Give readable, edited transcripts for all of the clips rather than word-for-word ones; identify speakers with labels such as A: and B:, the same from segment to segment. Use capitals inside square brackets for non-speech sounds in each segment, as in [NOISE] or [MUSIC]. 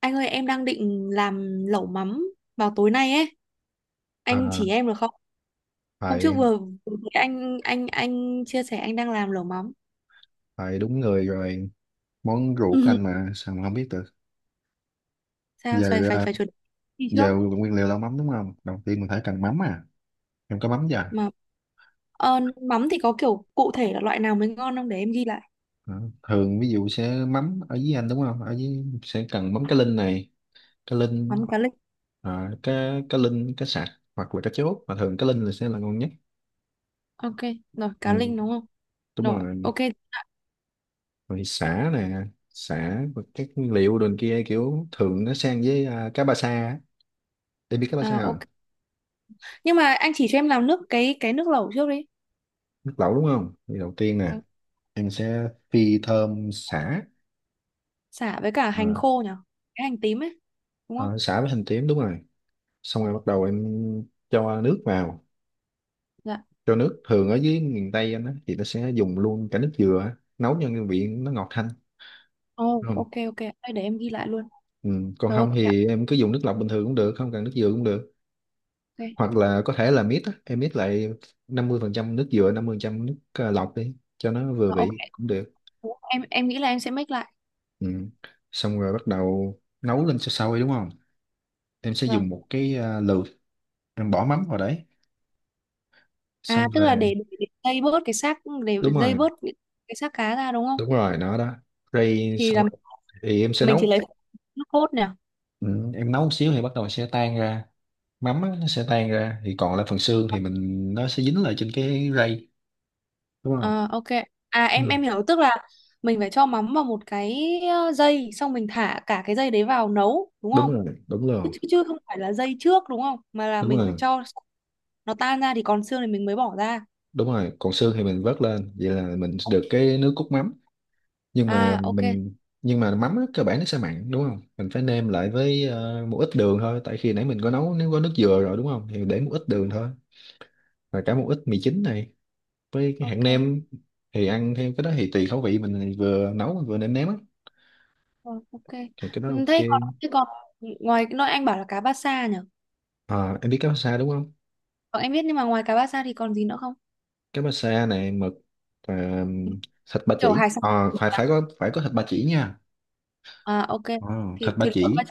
A: Anh ơi em đang định làm lẩu mắm vào tối nay ấy.
B: À,
A: Anh chỉ em được không? Hôm
B: phải
A: trước vừa vừa thấy anh chia sẻ anh đang làm lẩu mắm.
B: phải đúng người rồi, món ruột của anh
A: [LAUGHS]
B: mà sao mà không biết được
A: Sao phải
B: giờ.
A: phải phải chuẩn bị trước
B: Giờ nguyên liệu là mắm đúng không? Đầu tiên mình phải cần mắm, à em có mắm chưa?
A: mà mắm thì có kiểu cụ thể là loại nào mới ngon không, để em ghi lại.
B: Đó, thường ví dụ sẽ mắm ở dưới anh đúng không, ở dưới sẽ cần mắm cá linh này, cá linh.
A: Mắm cá linh.
B: À, cá Cá linh, cá sặc hoặc là cá chốt, mà thường cá linh là sẽ là ngon nhất.
A: Ok, rồi cá
B: ừ,
A: linh đúng không?
B: Đúng
A: Rồi,
B: rồi.
A: ok.
B: Rồi sả nè, sả và các nguyên liệu đường kia, kiểu thường nó sang với cá ba sa á. Em biết cá ba sa
A: À,
B: không?
A: ok. Nhưng mà anh chỉ cho em làm nước cái nước lẩu trước đi.
B: Nước lẩu đúng không, thì đầu tiên nè
A: Ừ.
B: em sẽ phi thơm sả.
A: Sả với cả hành
B: à,
A: khô nhỉ? Cái hành tím ấy, đúng không?
B: Sả với hành tím đúng rồi. Xong
A: Ừ.
B: rồi bắt đầu em cho nước vào.
A: Dạ.
B: Cho nước thường ở dưới miền Tây anh á thì nó sẽ dùng luôn cả nước dừa á, nấu cho cái vị nó ngọt thanh
A: Oh,
B: đúng không.
A: ok ok, thôi để em ghi lại luôn.
B: Ừ, còn
A: Rồi ok
B: không
A: ạ,
B: thì em cứ dùng nước lọc bình thường cũng được, không cần nước dừa cũng được.
A: ok.
B: Hoặc là có thể là mix á, em mix lại 50% nước dừa 50% nước lọc đi cho nó vừa
A: Ờ, ok.
B: vị cũng được.
A: Em nghĩ là em sẽ make lại.
B: Ừ, xong rồi bắt đầu nấu lên sôi sôi đúng không, em sẽ
A: Vâng.
B: dùng một cái lược, em bỏ mắm vào đấy
A: À
B: xong
A: tức là
B: rồi.
A: để dây bớt cái xác để
B: Đúng
A: dây
B: rồi
A: bớt cái xác cá ra đúng không?
B: đúng rồi, nó đó. Rồi
A: Thì
B: xong
A: là
B: rồi, thì em sẽ
A: mình
B: nấu.
A: chỉ lấy nước cốt nè.
B: Ừ, em nấu một xíu thì bắt đầu sẽ tan ra, mắm á, nó sẽ tan ra thì còn lại phần xương thì mình nó sẽ dính lại trên cái rây đúng không.
A: Ờ, ok. À
B: Ừ,
A: em hiểu, tức là mình phải cho mắm vào một cái dây, xong mình thả cả cái dây đấy vào nấu đúng không?
B: đúng rồi đúng
A: Chứ,
B: rồi.
A: chứ không phải là dây trước đúng không? Mà là
B: Đúng
A: mình phải
B: rồi
A: cho nó tan ra thì còn xương thì mình mới bỏ ra.
B: đúng rồi, còn xương thì mình vớt lên, vậy là mình được cái nước cốt mắm. Nhưng mà
A: À ok,
B: mình, nhưng mà mắm á, cơ bản nó sẽ mặn đúng không, mình phải nêm lại với một ít đường thôi, tại khi nãy mình có nấu nếu có nước dừa rồi đúng không thì để một ít đường thôi, và cả một ít mì chính này với cái hạt
A: ok.
B: nêm. Thì ăn theo cái đó thì tùy khẩu vị mình, thì vừa nấu mà vừa nêm nếm á,
A: Ờ, ok.
B: thì cái đó
A: Ừ.
B: ok.
A: Thế còn nói anh bảo là cá bát xa nhỉ?
B: À, em biết cá bá sa đúng không.
A: Ờ, em biết, nhưng mà ngoài cá bát xa thì còn gì nữa không?
B: Cá bá sa này, mực, và um, thịt ba
A: Kiểu
B: chỉ.
A: hải sản,
B: Ờ, phải phải có thịt ba chỉ nha.
A: à ok.
B: Ờ, thịt
A: Thì
B: ba
A: thì lộn qua-
B: chỉ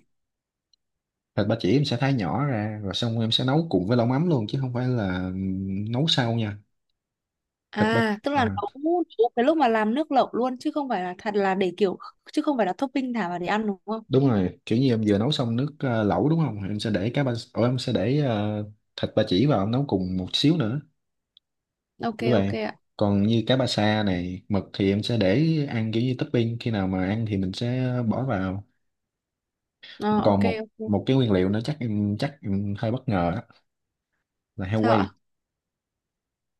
B: thịt ba chỉ em sẽ thái nhỏ ra rồi xong em sẽ nấu cùng với lẩu mắm luôn, chứ không phải là nấu sau nha. Thịt ba
A: À tức
B: Ờ,
A: là nấu nấu cái lúc mà làm nước lẩu luôn, chứ không phải là thật là để kiểu, chứ không phải là topping thả vào để ăn đúng không?
B: đúng rồi, kiểu như em vừa nấu xong nước lẩu đúng không, em sẽ để cá ba. Ủa, em sẽ để thịt ba chỉ vào nấu cùng một xíu nữa.
A: Ok
B: Đúng
A: ok
B: vậy.
A: ạ.
B: Còn như cá ba sa này, mực thì em sẽ để ăn kiểu như topping, khi nào mà ăn thì mình sẽ bỏ vào.
A: Ờ, ok
B: Còn một
A: ok.
B: một cái nguyên liệu nữa chắc em hơi bất ngờ á, là heo
A: Sao
B: quay.
A: ạ?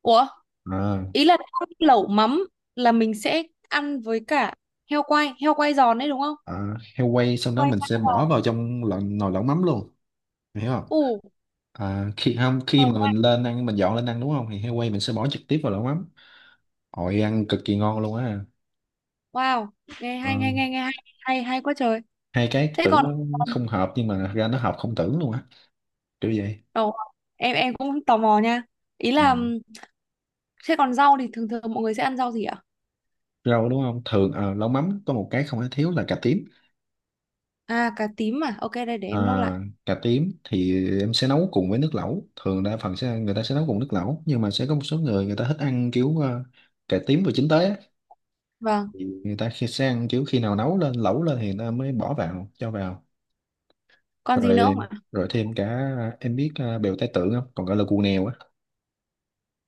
A: Ủa,
B: À,
A: ý là lẩu mắm là mình sẽ ăn với cả heo quay giòn đấy đúng không?
B: Heo quay xong đó
A: Quay
B: mình sẽ
A: giòn.
B: bỏ vào trong lò, nồi lẩu mắm luôn. Em hiểu không?
A: Ủ.
B: À, khi không khi mà mình lên ăn mình dọn lên ăn đúng không thì heo quay mình sẽ bỏ trực tiếp vào lẩu mắm. Ôi ăn cực kỳ ngon luôn á.
A: Wow, nghe
B: Ờ,
A: hay, nghe nghe nghe hay hay hay quá trời.
B: hai cái
A: Thế
B: tưởng
A: còn
B: nó không hợp nhưng mà thật ra nó hợp không tưởng luôn á, kiểu vậy.
A: đầu, em cũng tò mò nha. Ý là
B: Ừ.
A: thế còn rau thì thường thường mọi người sẽ ăn rau gì ạ?
B: Rau đúng không, thường lẩu mắm có một cái không thể thiếu là cà tím.
A: À cà tím à? Ok đây để em nốt lại.
B: À, cà tím thì em sẽ nấu cùng với nước lẩu, thường đa phần sẽ người ta sẽ nấu cùng nước lẩu, nhưng mà sẽ có một số người người ta thích ăn kiểu cà tím vừa chín tới á.
A: Vâng.
B: Thì người ta khi sẽ ăn kiểu khi nào nấu lên lẩu lên thì người ta mới bỏ vào cho vào.
A: Còn gì nữa không
B: Rồi,
A: ạ?
B: rồi thêm cả, em biết bèo tai tượng không, còn gọi là cù nèo á.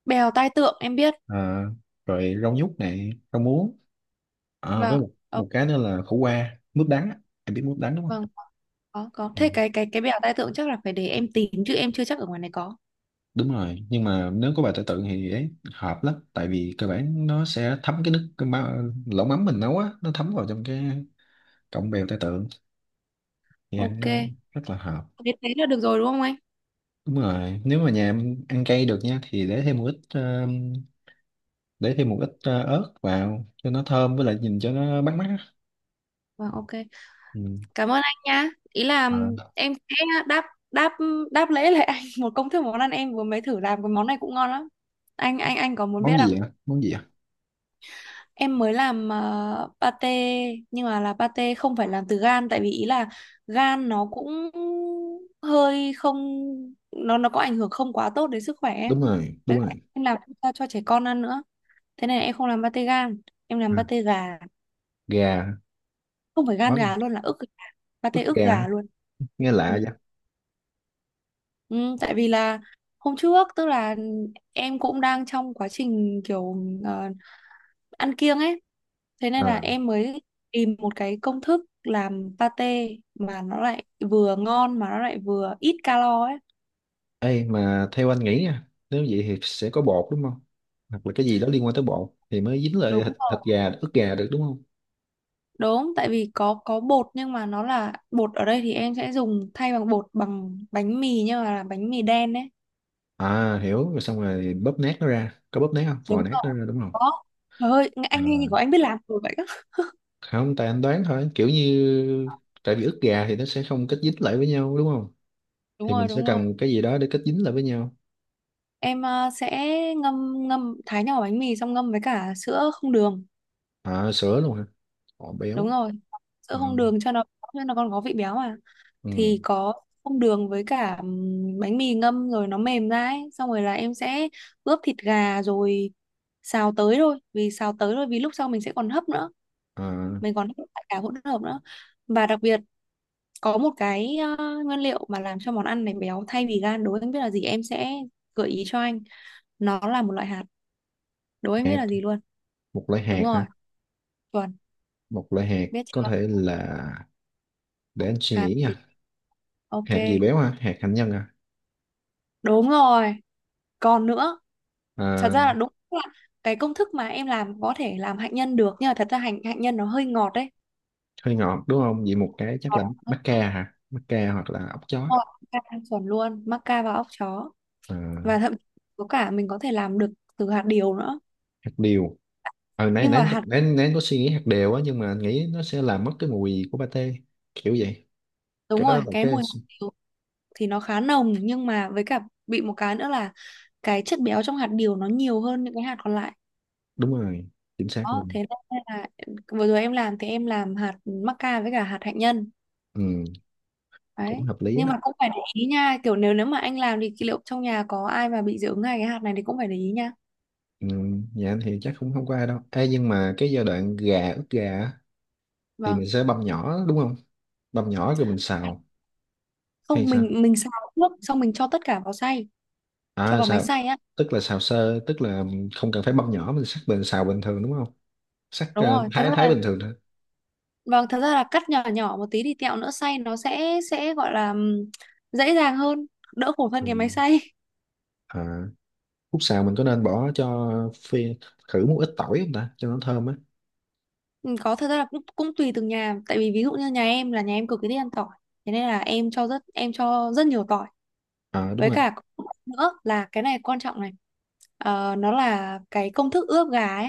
A: Bèo tai tượng em biết.
B: À, rồi rau nhút này, rau muống. À, với
A: Vâng.
B: một
A: Ờ,
B: một cái nữa là khổ qua, mướp đắng á. Em biết mướp đắng đúng không.
A: vâng. Có có.
B: Ừ.
A: Thế cái bèo tai tượng chắc là phải để em tìm, chứ em chưa chắc ở ngoài này có.
B: Đúng rồi, nhưng mà nếu có bài tự tự thì ấy hợp lắm, tại vì cơ bản nó sẽ thấm cái nước cái ma, lẩu mắm mình nấu á nó thấm vào trong cái cọng bèo tai tượng thì ăn
A: Ok.
B: nó rất là hợp.
A: Thế thế là được rồi đúng không anh?
B: Đúng rồi, nếu mà nhà em ăn cay được nha thì để thêm một ít ớt vào cho nó thơm với lại nhìn cho nó bắt mắt á.
A: Vâng ok.
B: Ừ.
A: Cảm ơn anh nhá. Ý là
B: À,
A: em sẽ đáp đáp đáp lễ lại anh [LAUGHS] một công thức món ăn, em vừa mới thử làm cái món này cũng ngon lắm. Anh có muốn biết
B: món
A: không?
B: gì ạ? Món gì ạ?
A: Em mới làm pate, nhưng mà là pate không phải làm từ gan, tại vì ý là gan nó cũng hơi không, nó có ảnh hưởng không quá tốt đến sức khỏe em.
B: Đúng rồi,
A: Với
B: đúng
A: lại
B: rồi.
A: em làm cho, trẻ con ăn nữa. Thế này em không làm pate gan, em làm
B: À,
A: pate gà,
B: gà,
A: không phải
B: đó,
A: gan gà luôn, là ức gà,
B: ức
A: pate ức
B: gà
A: gà luôn.
B: nghe
A: Ừ.
B: lạ vậy.
A: Ừ, tại vì là hôm trước, tức là em cũng đang trong quá trình kiểu ờ, ăn kiêng ấy, thế nên là
B: Ờ.
A: em mới tìm một cái công thức làm pate mà nó lại vừa ngon mà nó lại vừa ít calo ấy.
B: Ê, mà theo anh nghĩ nha, nếu vậy thì sẽ có bột đúng không? Hoặc là cái gì đó liên quan tới bột thì mới dính
A: Đúng
B: lại thịt, thịt
A: rồi,
B: gà, ức gà được đúng không?
A: đúng, tại vì có bột, nhưng mà nó là bột ở đây thì em sẽ dùng thay bằng bột bằng bánh mì, nhưng mà là bánh mì đen ấy.
B: À hiểu, rồi xong rồi bóp nát nó ra. Có bóp nát không? Vò
A: Đúng
B: nát nó
A: rồi,
B: ra đúng không?
A: có. Trời ơi anh nghe như
B: À,
A: của anh biết làm rồi vậy á.
B: không, tại anh đoán thôi. Kiểu như tại vì ức gà thì nó sẽ không kết dính lại với nhau đúng không?
A: [LAUGHS] Đúng
B: Thì
A: rồi
B: mình sẽ
A: đúng rồi.
B: cần một cái gì đó để kết dính lại với nhau.
A: Em sẽ ngâm, thái nhỏ bánh mì, xong ngâm với cả sữa không đường.
B: À sữa luôn hả? Ồ
A: Đúng
B: béo.
A: rồi. Sữa
B: À,
A: không đường cho nó còn có vị béo mà.
B: ừ.
A: Thì có không đường với cả bánh mì ngâm rồi nó mềm ra ấy, xong rồi là em sẽ ướp thịt gà rồi xào tới thôi, vì xào tới thôi vì lúc sau mình sẽ còn hấp nữa,
B: À,
A: mình còn hấp lại cả hỗn hợp nữa. Và đặc biệt có một cái nguyên liệu mà làm cho món ăn này béo thay vì gan, đố anh biết là gì, em sẽ gợi ý cho anh. Nó là một loại hạt, đố anh biết
B: hạt,
A: là gì luôn.
B: một loại hạt
A: Đúng rồi.
B: hả?
A: Chuẩn.
B: Một loại hạt
A: Biết
B: có
A: chưa?
B: thể là, để anh suy
A: Hạt
B: nghĩ
A: thì
B: nha,
A: ok.
B: hạt gì béo ha, hạt hạnh nhân à.
A: Đúng rồi, còn nữa. Thật
B: Ờ,
A: ra là đúng là cái công thức mà em làm có thể làm hạnh nhân được, nhưng mà thật ra hạnh hạnh nhân nó hơi ngọt đấy.
B: hơi ngọt đúng không, vậy một cái chắc
A: Ngọt,
B: là
A: hơi
B: bắp
A: ngọt,
B: ca hả, bắp ca hoặc là ốc chó.
A: ngọt. Ca thanh chuẩn luôn, mắc ca và óc chó.
B: Ờ,
A: Và thậm chí có cả, mình có thể làm được từ hạt điều nữa.
B: hạt điều. ờ nãy
A: Nhưng
B: nãy
A: mà
B: anh có-
A: hạt,
B: nãy nãy anh có suy nghĩ hạt điều á nhưng mà anh nghĩ nó sẽ làm mất cái mùi của pate, kiểu vậy.
A: đúng
B: Cái đó
A: rồi,
B: là
A: cái
B: cái
A: mùi hạt điều thì nó khá nồng, nhưng mà với cả bị một cái nữa là cái chất béo trong hạt điều nó nhiều hơn những cái hạt còn lại.
B: đúng rồi, chính xác
A: Đó,
B: luôn.
A: thế nên là vừa rồi em làm thì em làm hạt mắc ca với cả hạt hạnh nhân.
B: Ừ, cũng
A: Đấy.
B: hợp lý
A: Nhưng mà
B: á.
A: cũng phải để ý nha, kiểu nếu nếu mà anh làm thì liệu trong nhà có ai mà bị dị ứng hay cái hạt này thì cũng phải để ý nha.
B: Ừ, nhà anh thì chắc cũng không có ai đâu. Ê, nhưng mà cái giai đoạn gà ướp gà á, thì
A: Vâng.
B: mình sẽ băm nhỏ đúng không, băm nhỏ rồi mình xào hay
A: Không,
B: sao?
A: mình xào trước, xong mình cho tất cả vào xay, cho
B: À
A: vào máy
B: sao?
A: xay á.
B: Tức là xào sơ, tức là không cần phải băm nhỏ, mình sắc bình xào bình thường đúng không? Sắc
A: Đúng rồi, thật ra
B: thái thái
A: là,
B: bình thường thôi.
A: vâng, thật ra là cắt nhỏ nhỏ một tí thì tẹo nữa xay nó sẽ gọi là dễ dàng hơn, đỡ khổ hơn
B: Ừ.
A: cái máy xay.
B: À, khúc xào mình có nên bỏ cho phi khử một ít tỏi không ta, cho nó thơm á.
A: Ừ. Có, thật ra là cũng cũng tùy từng nhà, tại vì ví dụ như nhà em là nhà em cực kỳ thích ăn tỏi. Thế nên là em cho rất, em cho rất nhiều tỏi.
B: À đúng
A: Với
B: rồi.
A: cả có một cái nữa là cái này quan trọng này. Ờ, nó là cái công thức ướp gà ấy,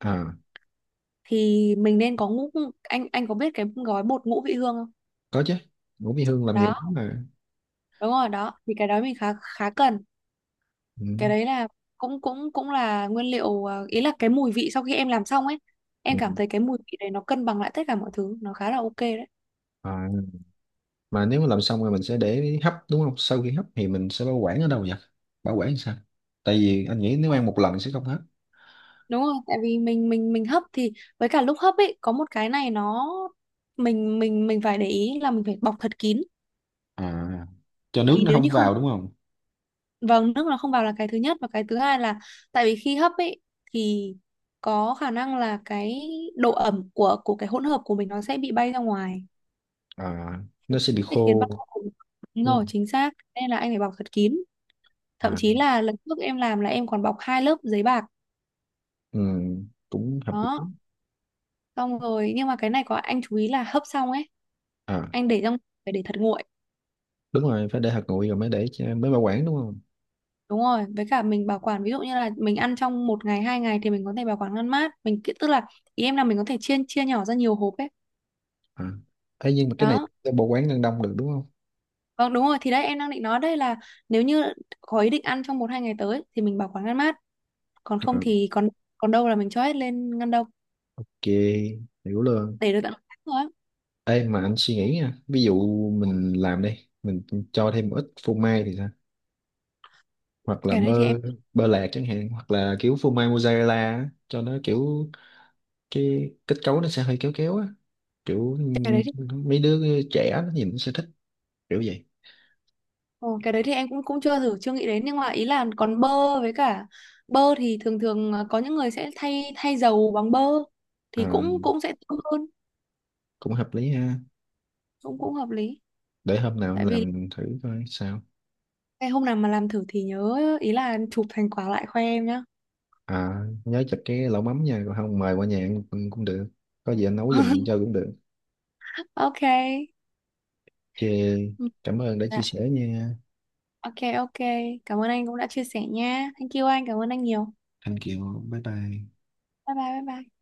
B: À
A: thì mình nên có ngũ, anh có biết cái gói bột ngũ vị hương không?
B: có chứ. Ngũ Mỹ Hương làm nhiều
A: Đó,
B: món mà.
A: đúng rồi đó, thì cái đó mình khá khá cần.
B: Ừ.
A: Cái đấy là cũng cũng cũng là nguyên liệu, ý là cái mùi vị sau khi em làm xong ấy,
B: Ừ.
A: em cảm thấy cái mùi vị đấy nó cân bằng lại tất cả mọi thứ, nó khá là ok đấy.
B: À, mà nếu mà làm xong rồi mình sẽ để hấp đúng không? Sau khi hấp thì mình sẽ bảo quản ở đâu vậy? Bảo quản sao? Tại vì anh nghĩ nếu ăn một lần sẽ không hết.
A: Đúng rồi, tại vì mình hấp thì với cả lúc hấp ấy có một cái này nó, mình phải để ý là mình phải bọc thật kín,
B: À cho nước
A: vì
B: nó
A: nếu như
B: không
A: không,
B: vào đúng không?
A: vâng, nước nó không vào là cái thứ nhất, và cái thứ hai là tại vì khi hấp ấy thì có khả năng là cái độ ẩm của cái hỗn hợp của mình nó sẽ bị bay ra ngoài,
B: À nó sẽ bị
A: để khiến
B: khô
A: bắp của mình- Đúng
B: đúng
A: rồi,
B: không?
A: chính xác, nên là anh phải bọc thật kín, thậm
B: À.
A: chí là lần trước em làm là em còn bọc 2 lớp giấy bạc.
B: Ừ, cũng hợp
A: Đó,
B: lý.
A: xong rồi, nhưng mà cái này có anh chú ý là hấp xong ấy
B: À
A: anh để trong, phải để thật nguội.
B: đúng rồi, phải để hạt nguội rồi mới để cho- mới bảo quản đúng không.
A: Đúng rồi, với cả mình bảo quản ví dụ như là mình ăn trong một ngày hai ngày thì mình có thể bảo quản ngăn mát, mình ki- tức là ý em là mình có thể chia chia nhỏ ra nhiều hộp ấy.
B: À ấy, nhưng mà cái này
A: Đó.
B: để bảo quản ngăn đông được đúng không.
A: Vâng đúng rồi, thì đấy em đang định nói đây là nếu như có ý định ăn trong một hai ngày tới thì mình bảo quản ngăn mát, còn không
B: À,
A: thì còn còn đâu là mình cho hết lên ngăn đông,
B: ok, hiểu luôn.
A: để được tận một tháng rồi á.
B: Ê mà anh suy nghĩ nha, ví dụ mình làm đi, mình cho thêm một ít phô mai thì sao, hoặc là
A: cái đấy thì em
B: bơ, bơ lạc chẳng hạn, hoặc là kiểu phô mai mozzarella á, cho nó kiểu cái kết cấu nó sẽ hơi kéo kéo á, kiểu
A: cái đấy thì
B: mấy đứa trẻ nó nhìn nó sẽ thích, kiểu vậy.
A: Ồ, cái đấy thì em cũng cũng chưa thử, chưa nghĩ đến, nhưng mà ý là còn bơ, với cả bơ thì thường thường có những người sẽ thay thay dầu bằng bơ
B: À,
A: thì cũng cũng sẽ tốt hơn.
B: cũng hợp lý ha,
A: Cũng cũng hợp lý,
B: để hôm nào anh
A: tại vì
B: làm thử coi sao.
A: cái hôm nào mà làm thử thì nhớ, ý là chụp thành quả lại khoe em nhá.
B: À, nhớ chặt cái lẩu mắm nha, còn không mời qua nhà ăn cũng, cũng được. Có gì anh nấu giùm
A: [LAUGHS]
B: cho cũng được.
A: Ok.
B: Ok,
A: Ừ.
B: cảm ơn đã chia
A: Dạ.
B: sẻ nha.
A: Ok, ok. Cảm ơn anh cũng đã chia sẻ nha. Thank you anh. Cảm ơn anh nhiều.
B: Thanh Kiều, bye bye.
A: Bye bye, bye bye.